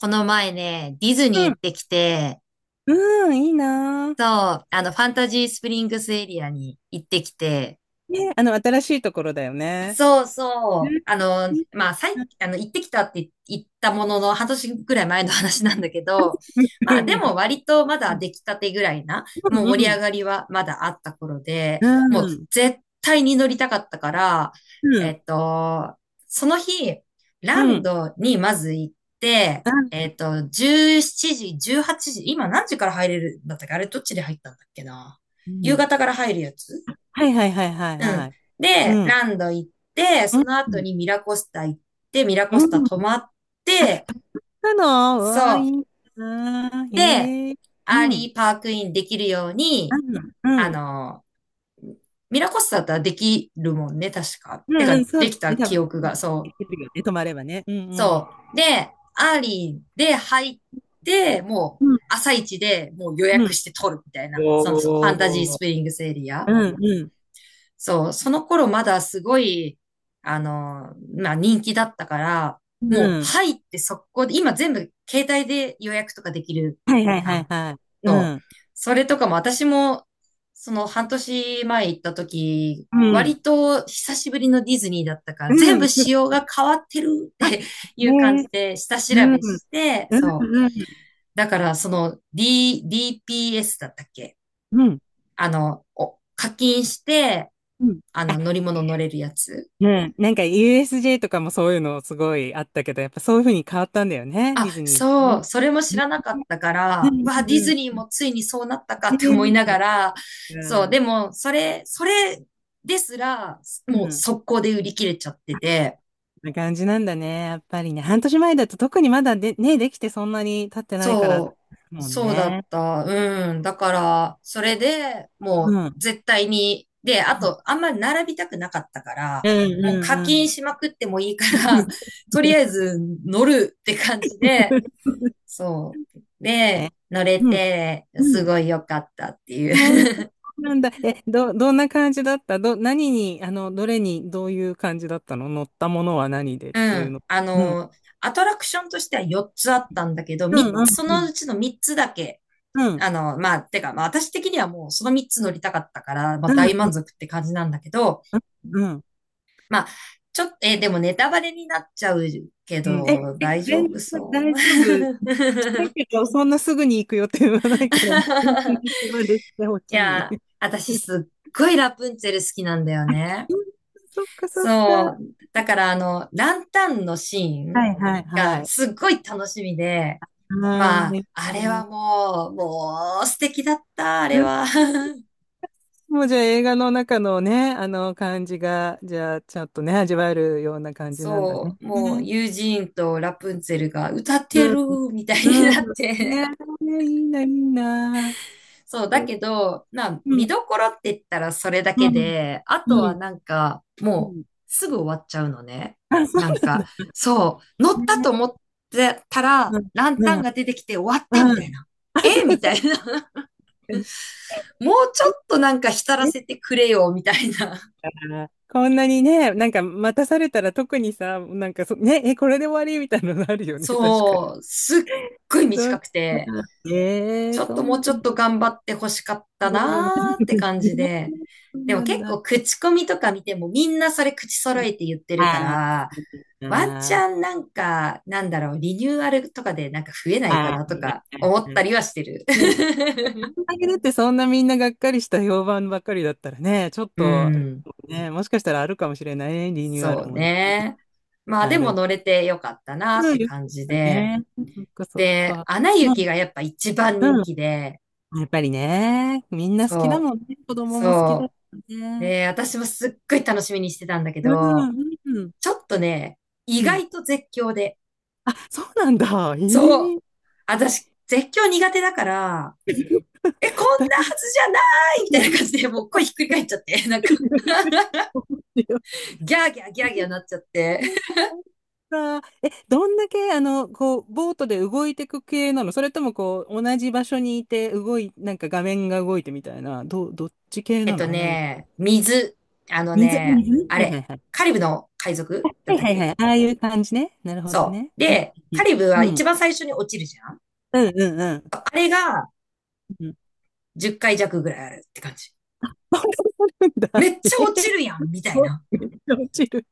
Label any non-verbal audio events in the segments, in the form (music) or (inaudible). この前ね、ディズニうーん。行ってきて、うん、いいなそう、ファンタジースプリングスエリアに行ってきて、ぁ。ね、あの、新しいところだよね。そううそん。う。いいまあ、最、な。うあの、行ってきたって言ったものの、半年ぐらい前の話なんだけど、ん まあ、でも割とまだ出来たてぐらいな、もう盛り (laughs) 上がうりはまだあった頃で、んもううん。う絶対に乗りたかったから、ん。うえん。っと、その日、うランん。ドにまず行って、あ、17時、18時、今何時から入れるんだったっけ？あれどっちで入ったんだっけな。う夕ん。方から入るやつ。はいはいはいはいうはん。い。で、うん。ランド行って、うそん。の後にミラコスタ行って、ミラうコスタ泊ん。まって、なの、うそわ、いう。いな。で、へえ。アーうん。リーパークインできるようあ、うに、ん。あうんの、ミラコスタだったらできるもんね、確か。てか、うん。そうでだきたね、多記分憶ね。が、そう。できるよね、泊まればね。うんうそん。う。で、アーリーで入って、もうう、ん朝一でもう予う約ん。して取るみたいな、そのフおァンタジースお。プリングスエリうア。んうん。そう、その頃まだすごい、まあ人気だったから、うもうん。入って速攻で、今全部携帯で予約とかできるはいはいじゃはいん。はい。うそう。ん。それとかも私も、その半年前行った時、うん。割と久しぶりのディズニーだったから、う全部ん。仕様が変わってるっあ、て (laughs) いう感ねえ。じで下調うん。べして、うんそう。うん。だからその D、DPS だったっけ？うん。お課金して、うん。ああ、の乗り物乗れるやつ。うん。なんか USJ とかもそういうのすごいあったけど、やっぱそういう風に変わったんだよね、デあ、ィズニーもそう、ね。それも知らなかっね。たかうら、うんわ、うディんズニーうん。もついにそうなったかっねて思いえ、なそがっか。ら、そう、でも、それですら、うもうん。速攻で売り切れちゃってあ、て、そんな感じなんだね、やっぱりね。半年前だと特にまだで、ね、できてそんなに経ってないから、そう、もんそうだっね。た、うん。だから、それでうもうん。うん絶対に、で、あと、あんまり並びたくなかったから、うんもううん課う金ん しまくってもいいから、(laughs) とりあえず乗るって感じで、(laughs)。そう。え、で、乗れうん。て、うすん。ごい良かったっていえー、そう。うなんだ。え、どんな感じだった何に、どれに、どういう感じだったの、乗ったものは何で (laughs) っうていうん。の？あうん。の、アトラクションとしては4つあったんだけど、う3ん、うん、つ、そうのうん。ちの3つだけ、うん、まあ、私的にはもうその3つ乗りたかったから、まあ、う大ん、満足って感じなんだけど、うん。まあ、ちょっと、でもネタバレになっちゃうけうん。え、ど、え、大丈全然夫そう？ 大丈夫。(laughs) したいけど、そんなすぐに行く予定はないから、全然手放してほいしや、い。私うん。すっごいラプンツェル好きなんだよね。そっか、そっそか。う。だから、ランタンのシーンはい、はい、はがい。すっごい楽しみで、はまーあ、い。あれはもう、もう素敵だった、あれは。(laughs) もうじゃあ映画の中のね、あの感じが、じゃあちょっとね、味わえるような感じなんだね。そう、もう、ね。ユージーンとラプンツェルが歌ってうるん。みたいにうなん。って、ね、いいな、いいな。そう、うだけど、ん、う見どころって言ったらそれだけん、で、あうとはん、なんか、うもうん。すぐ終わっちゃうのね。あ、そうなんなんか、だ。そう、乗ったね、と思ってたら、うん、ランうタンん、が出てきて終わったみうたいん。な。あ、そえうみだたいな。(laughs) か、もうちょちょっっとなんか浸とらねせてくれよ、みたいな。だか、こんなにね、なんか待たされたら特にさ、なんかね、え、これで終わりみたいなのあるよね、確かに。そう、すっごいそ短う。くて。ええー、ちょっそとうもなうんちょっとだ。頑張って欲しかったうん (laughs) なーって感ね、じで。そうでもなん結だ。構口コミとか見てもみんなそれ口揃えて言ってるかああ、ら、そうですワンチか。ャンなんか、なんだろう、リニューアルとかでなんか増えないかああ、なとか思ったりはしてる。(laughs) ね、あんだけだってそんなみんながっかりした評判ばっかりだったらね、ちょっうと、あれん。ね、もしかしたらあるかもしれないね、リニューアそルうもね。ね。まあでなるもほ乗れてよかったなっど。てよか感じったで。ね。そっかそっで、か。アナうん、雪がやっぱ一番人うん。気で、やっぱりね、みんな好きだそう、もんね。子供も好きだもそんう。ね。で、私もすっごい楽しみにしてたんだけうど、ん、うん、ちょっとね、意うん。外と絶叫で。あ、そうなんだ。えそう。え。私、絶叫苦手だから、え、こだんいなぶ はずじゃないみたいな感じで、もう声ひっくり返っちゃって、(laughs) なんか、(laughs) ギャーギャーギャーギャーなっちゃって。そっか。え、どんだけ、あの、こう、ボートで動いていく系なの、それとも、こう、同じ場所にいて、なんか画面が動いてみたいな、どっち (laughs) 系えっなとの、あんないうね、水。あの水、ね、水あれ、ね。カリブの海賊だはっいたっはいはい。(laughs) はいはいけ？はい。ああいう感じね。なるほどそね。う。うん。で、カリブはう一ん。番最初に落ちるじゃん。うんうんうん。あれがうん。10回弱ぐらいあるって感じ。(laughs) そんなことあるんめだ。っえちゃ落ー、ちるやんみたいな。めっちゃ落ちる。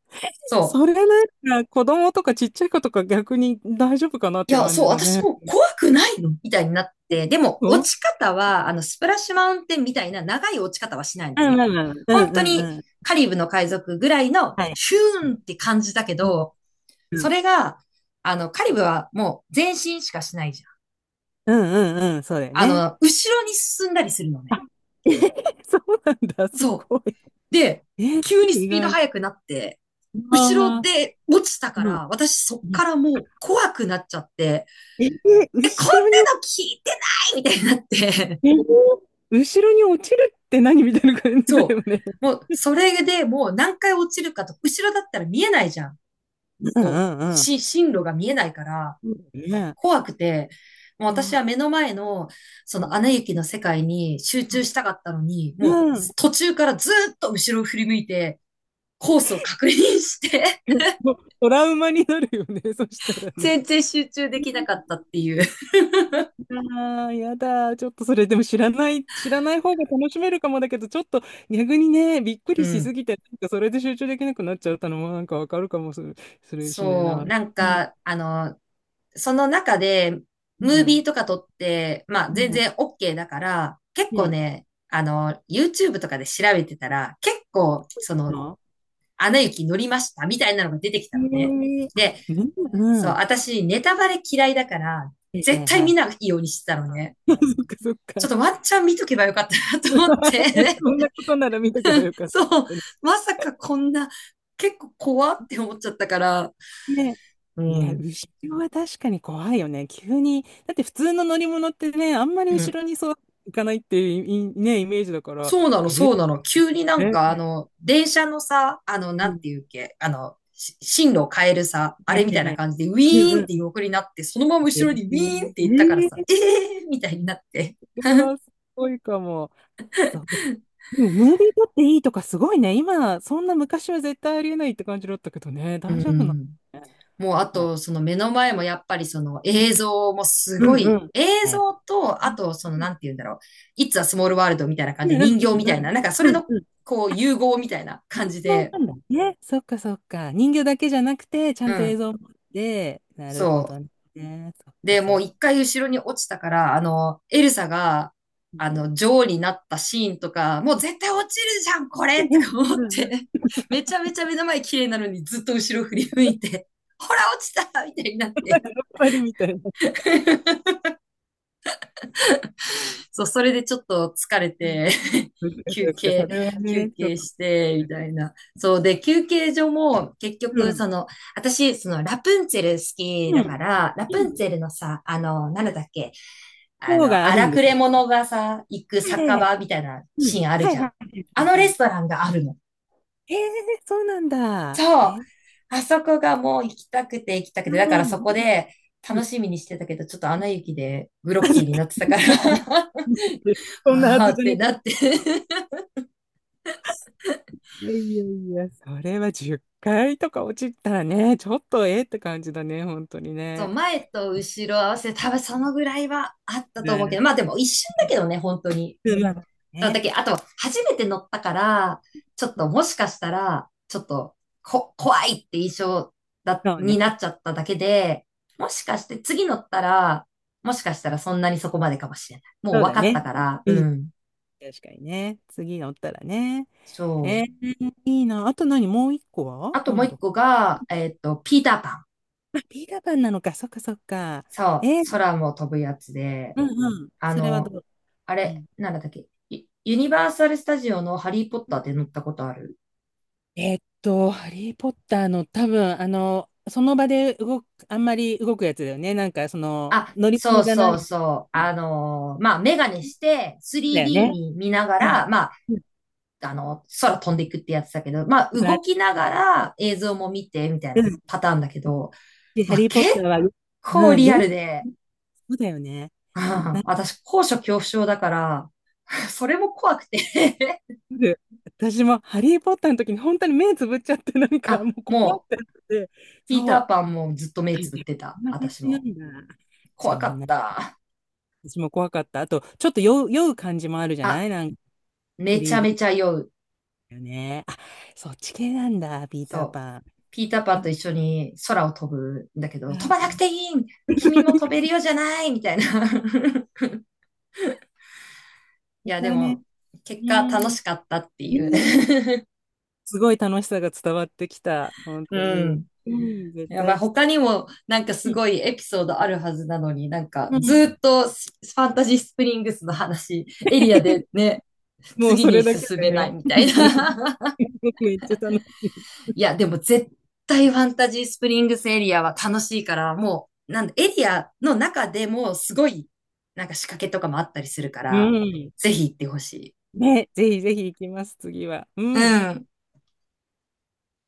そう。それなんか、子供とかちっちゃい子とか逆に大丈夫かなっいてや、感そう、じだ私ね。も怖くないのみたいになって、でもう落ん。ち方は、スプラッシュマウンテンみたいな長い落ち方はしないのあ、ね。まあまあまあ。う本ん当うんにうん。カリブの海賊ぐらいのはい。シューンって感じだけど、うそん。れが、カリブはもう前進しかしないじゃうんうんうん、ん。そうだよね。後ろに進んだりするの (laughs) あ、ね。え (laughs) そうなんだ、すそごい。う。で、え、急にス意ピード外。速くなって、後ろああ、で落ちたかうん。ら、私そっからもう怖くなっちゃって、え、え、こんな後ろに、の聞いてないみたいになって、え、後ろに落ちるって何みたいな感じだそよね。う。もう、それでもう何回落ちるかと、後ろだったら見えないじゃん。うこう、んうん進路が見えないから、うん。ね怖くて、もうえ。わ私はあ、目の前の、そうの、ん。アナ雪の世界に集中したかったのに、うもう、ん。途中からずーっと後ろを振り向いて、コースを確認して、 (laughs) トラウマになるよね、そしたら (laughs) ね。全然集中できなかったっていう。ああ、やだ。ちょっとそれ、でも知らない方が楽しめるかもだけど、ちょっと逆にね、びっくうりしすん。ぎて、なんかそれで集中できなくなっちゃったのもなんかわかるかもするしねえそう。な。なんうか、ん。その中で、うムーん。ビーとか撮って、まあう全ん。然 OK だから、結うん。い構いね、YouTube とかで調べてたら、結構、その、の。アナ雪乗りましたみたいなのが出てきえたのね。ー、あ、で、みんな、うそう、ん。は私、ネタバレ嫌いだから、い絶はい対は見ない。いようにしてたのね。(laughs) そっかそっちょっか。とワンチャン見とけばよかったなと思っ (laughs) て。 こんなことなら見とけば (laughs) よかっそう、た。まさかこんな、結構怖って思っちゃったから、ね、ういや、ん、後ろは確かに怖いよね。急に。だって普通の乗り物ってね、あんまりう後ん、ろにそう行かないっていういね、イメージだから、そうなの、え、そうなの。急にな (laughs) んか、え、電車のさ、うなんん、ていうっけ、進路を変えるさ、あはれみたいいはない、感じで、ウうィんーンうってん。横になって、そのままえ後ろにウィーンって行ったからさ、えー、えー、みたいになって。それはすごいかも。そう。でも、ムービー撮っていいとかすごいね。今、そんな昔は絶対ありえないって感じだったけどね。う大丈夫なのん。ね。もう、あはい。と、その目の前もやっぱりその映像もすうんごうい、ん。うん映像と、あと、その、なんて言うんだろう。It's a small world みたいなう感んじで、うん人形うみたいな、んなんかそうれんの、うんうん。こう、融合みたいな人感じ形で、なんだね。そっかそっか。人形だけじゃなくて、ちゃうんと映ん。像もあって、なるほそどう。ね。そっかで、もそっうか。一回後ろに落ちたから、エルサが、うん。女王になったシーンとか、もう絶対落ちるじゃん、これとか思って、(laughs) めちゃめちゃ目の前綺麗なのにずっと後ろ振り向いて、ほら、落ちたみたいになっやて。っぱりみたいな。(laughs) そう、それでちょっと疲れうん。て、 そっか (laughs) 休そっか、そ憩、れは休ね、ちょっ憩と。して、みたいな。そう、で、休憩所も、結う局、そん。の、私、その、ラプンツェル好きうだかん。ら、ラプンツェルのさ、なんだっけ、塔がある荒んでくすよ。れ者がさ、行くはいは酒いはい。場みたいなうシん。ーンあるはじいゃん。はいあはのいはレい。ストランがあるの。へえ、そうなんだ。そへう。え。あそこがもう行きたくて行きたくて、だかうらん。うそんこでうん。楽しみにしてたけど、ちょっとアナ雪でグロッキーになってたから、 ちょっと、(laughs) そんなあはあずっじゃなてなって。 い。やいやいや、それは10回とか落ちたらね、ちょっとええって感じだね、本当に (laughs) そう、ね。前と後ろ合わせて多分そのぐらいはあったと思うけど、ね、まあでも一瞬だけどね、本当に。うんまあそう、だね、けあと、初めて乗ったから、ちょっともしかしたら、ちょっと、怖いって印象そうね、になっちゃっただけで、もしかして次乗ったら、もしかしたらそんなにそこまでかもしれない。もうそう分だかっね。たから、ううん、ん。確かにね。次乗ったらね。そえう。ー、いいな。あと何もう一個はあとなもうん一だ？個が、えっと、ピーターパン。あ、ピーターパンなのか。そっかそっか。そう、えー、空も飛ぶやつで、うんうん。あそれはの、どう？あうれ、ん。なんだったっけ、ユニバーサルスタジオのハリーポッターで乗ったことある？ハリー・ポッターの多分、その場で動く、あんまり動くやつだよね。なんか、その、あ、乗りそ物うじゃなそい。うそう。そあのーまあ、メガネして うだよ 3D ね。に見ながはい。ら、まあ、うん、空飛んでいくってやつだけど、まあ、ことあ動る。きながら映像も見て、みたいうなん。パターンだけど、で、ハまあ、リー・ポ結ッターは、う構ん、リアよルく、で、そうだよね。(laughs) うなん、んか私、高所恐怖症だから、(laughs) それも怖くて。 私もハリー・ポッターの時に本当に目つぶっちゃって、なん (laughs) かあ、もう怖もくなっう、て、ピーそタう。ーパンもずっと目はつい、ぶってこた。んな感私じなも。んだ。じゃ怖あ、かった。私も怖かった。あと、ちょっと酔う感じもあるじゃなあ、い、なんか めちゃめ 3D ちゃ酔う。だよね。あ、そっち系なんだ、ピーターそう。パン。ピーターパうンとん 一緒に空を飛ぶんだけど、飛ばなくていい、 (laughs) う、君も飛べるようじゃないみたいな。(laughs) い本や、当でだね。も、結う果楽ん。ね、しかったっていう。すごい楽しさが伝わってきた。本 (laughs) う当に。ん。うん、絶や対ばい。行きた他にもなんかすい。ごいエピソードあるはずなのに、なんかうずーん。っとファンタジースプリングスの話、エリアで (laughs) ね、もう次そにれだけ進でめないね。みたい (laughs) な。(laughs) めっちゃ楽しい。いや、でも絶対ファンタジースプリングスエリアは楽しいから、もう、なんだ、エリアの中でもすごい、なんか仕掛けとかもあったりするかうら、ん。ぜひ行ってほしい。ね、ぜひぜひ行きます、次は。ううん。ん。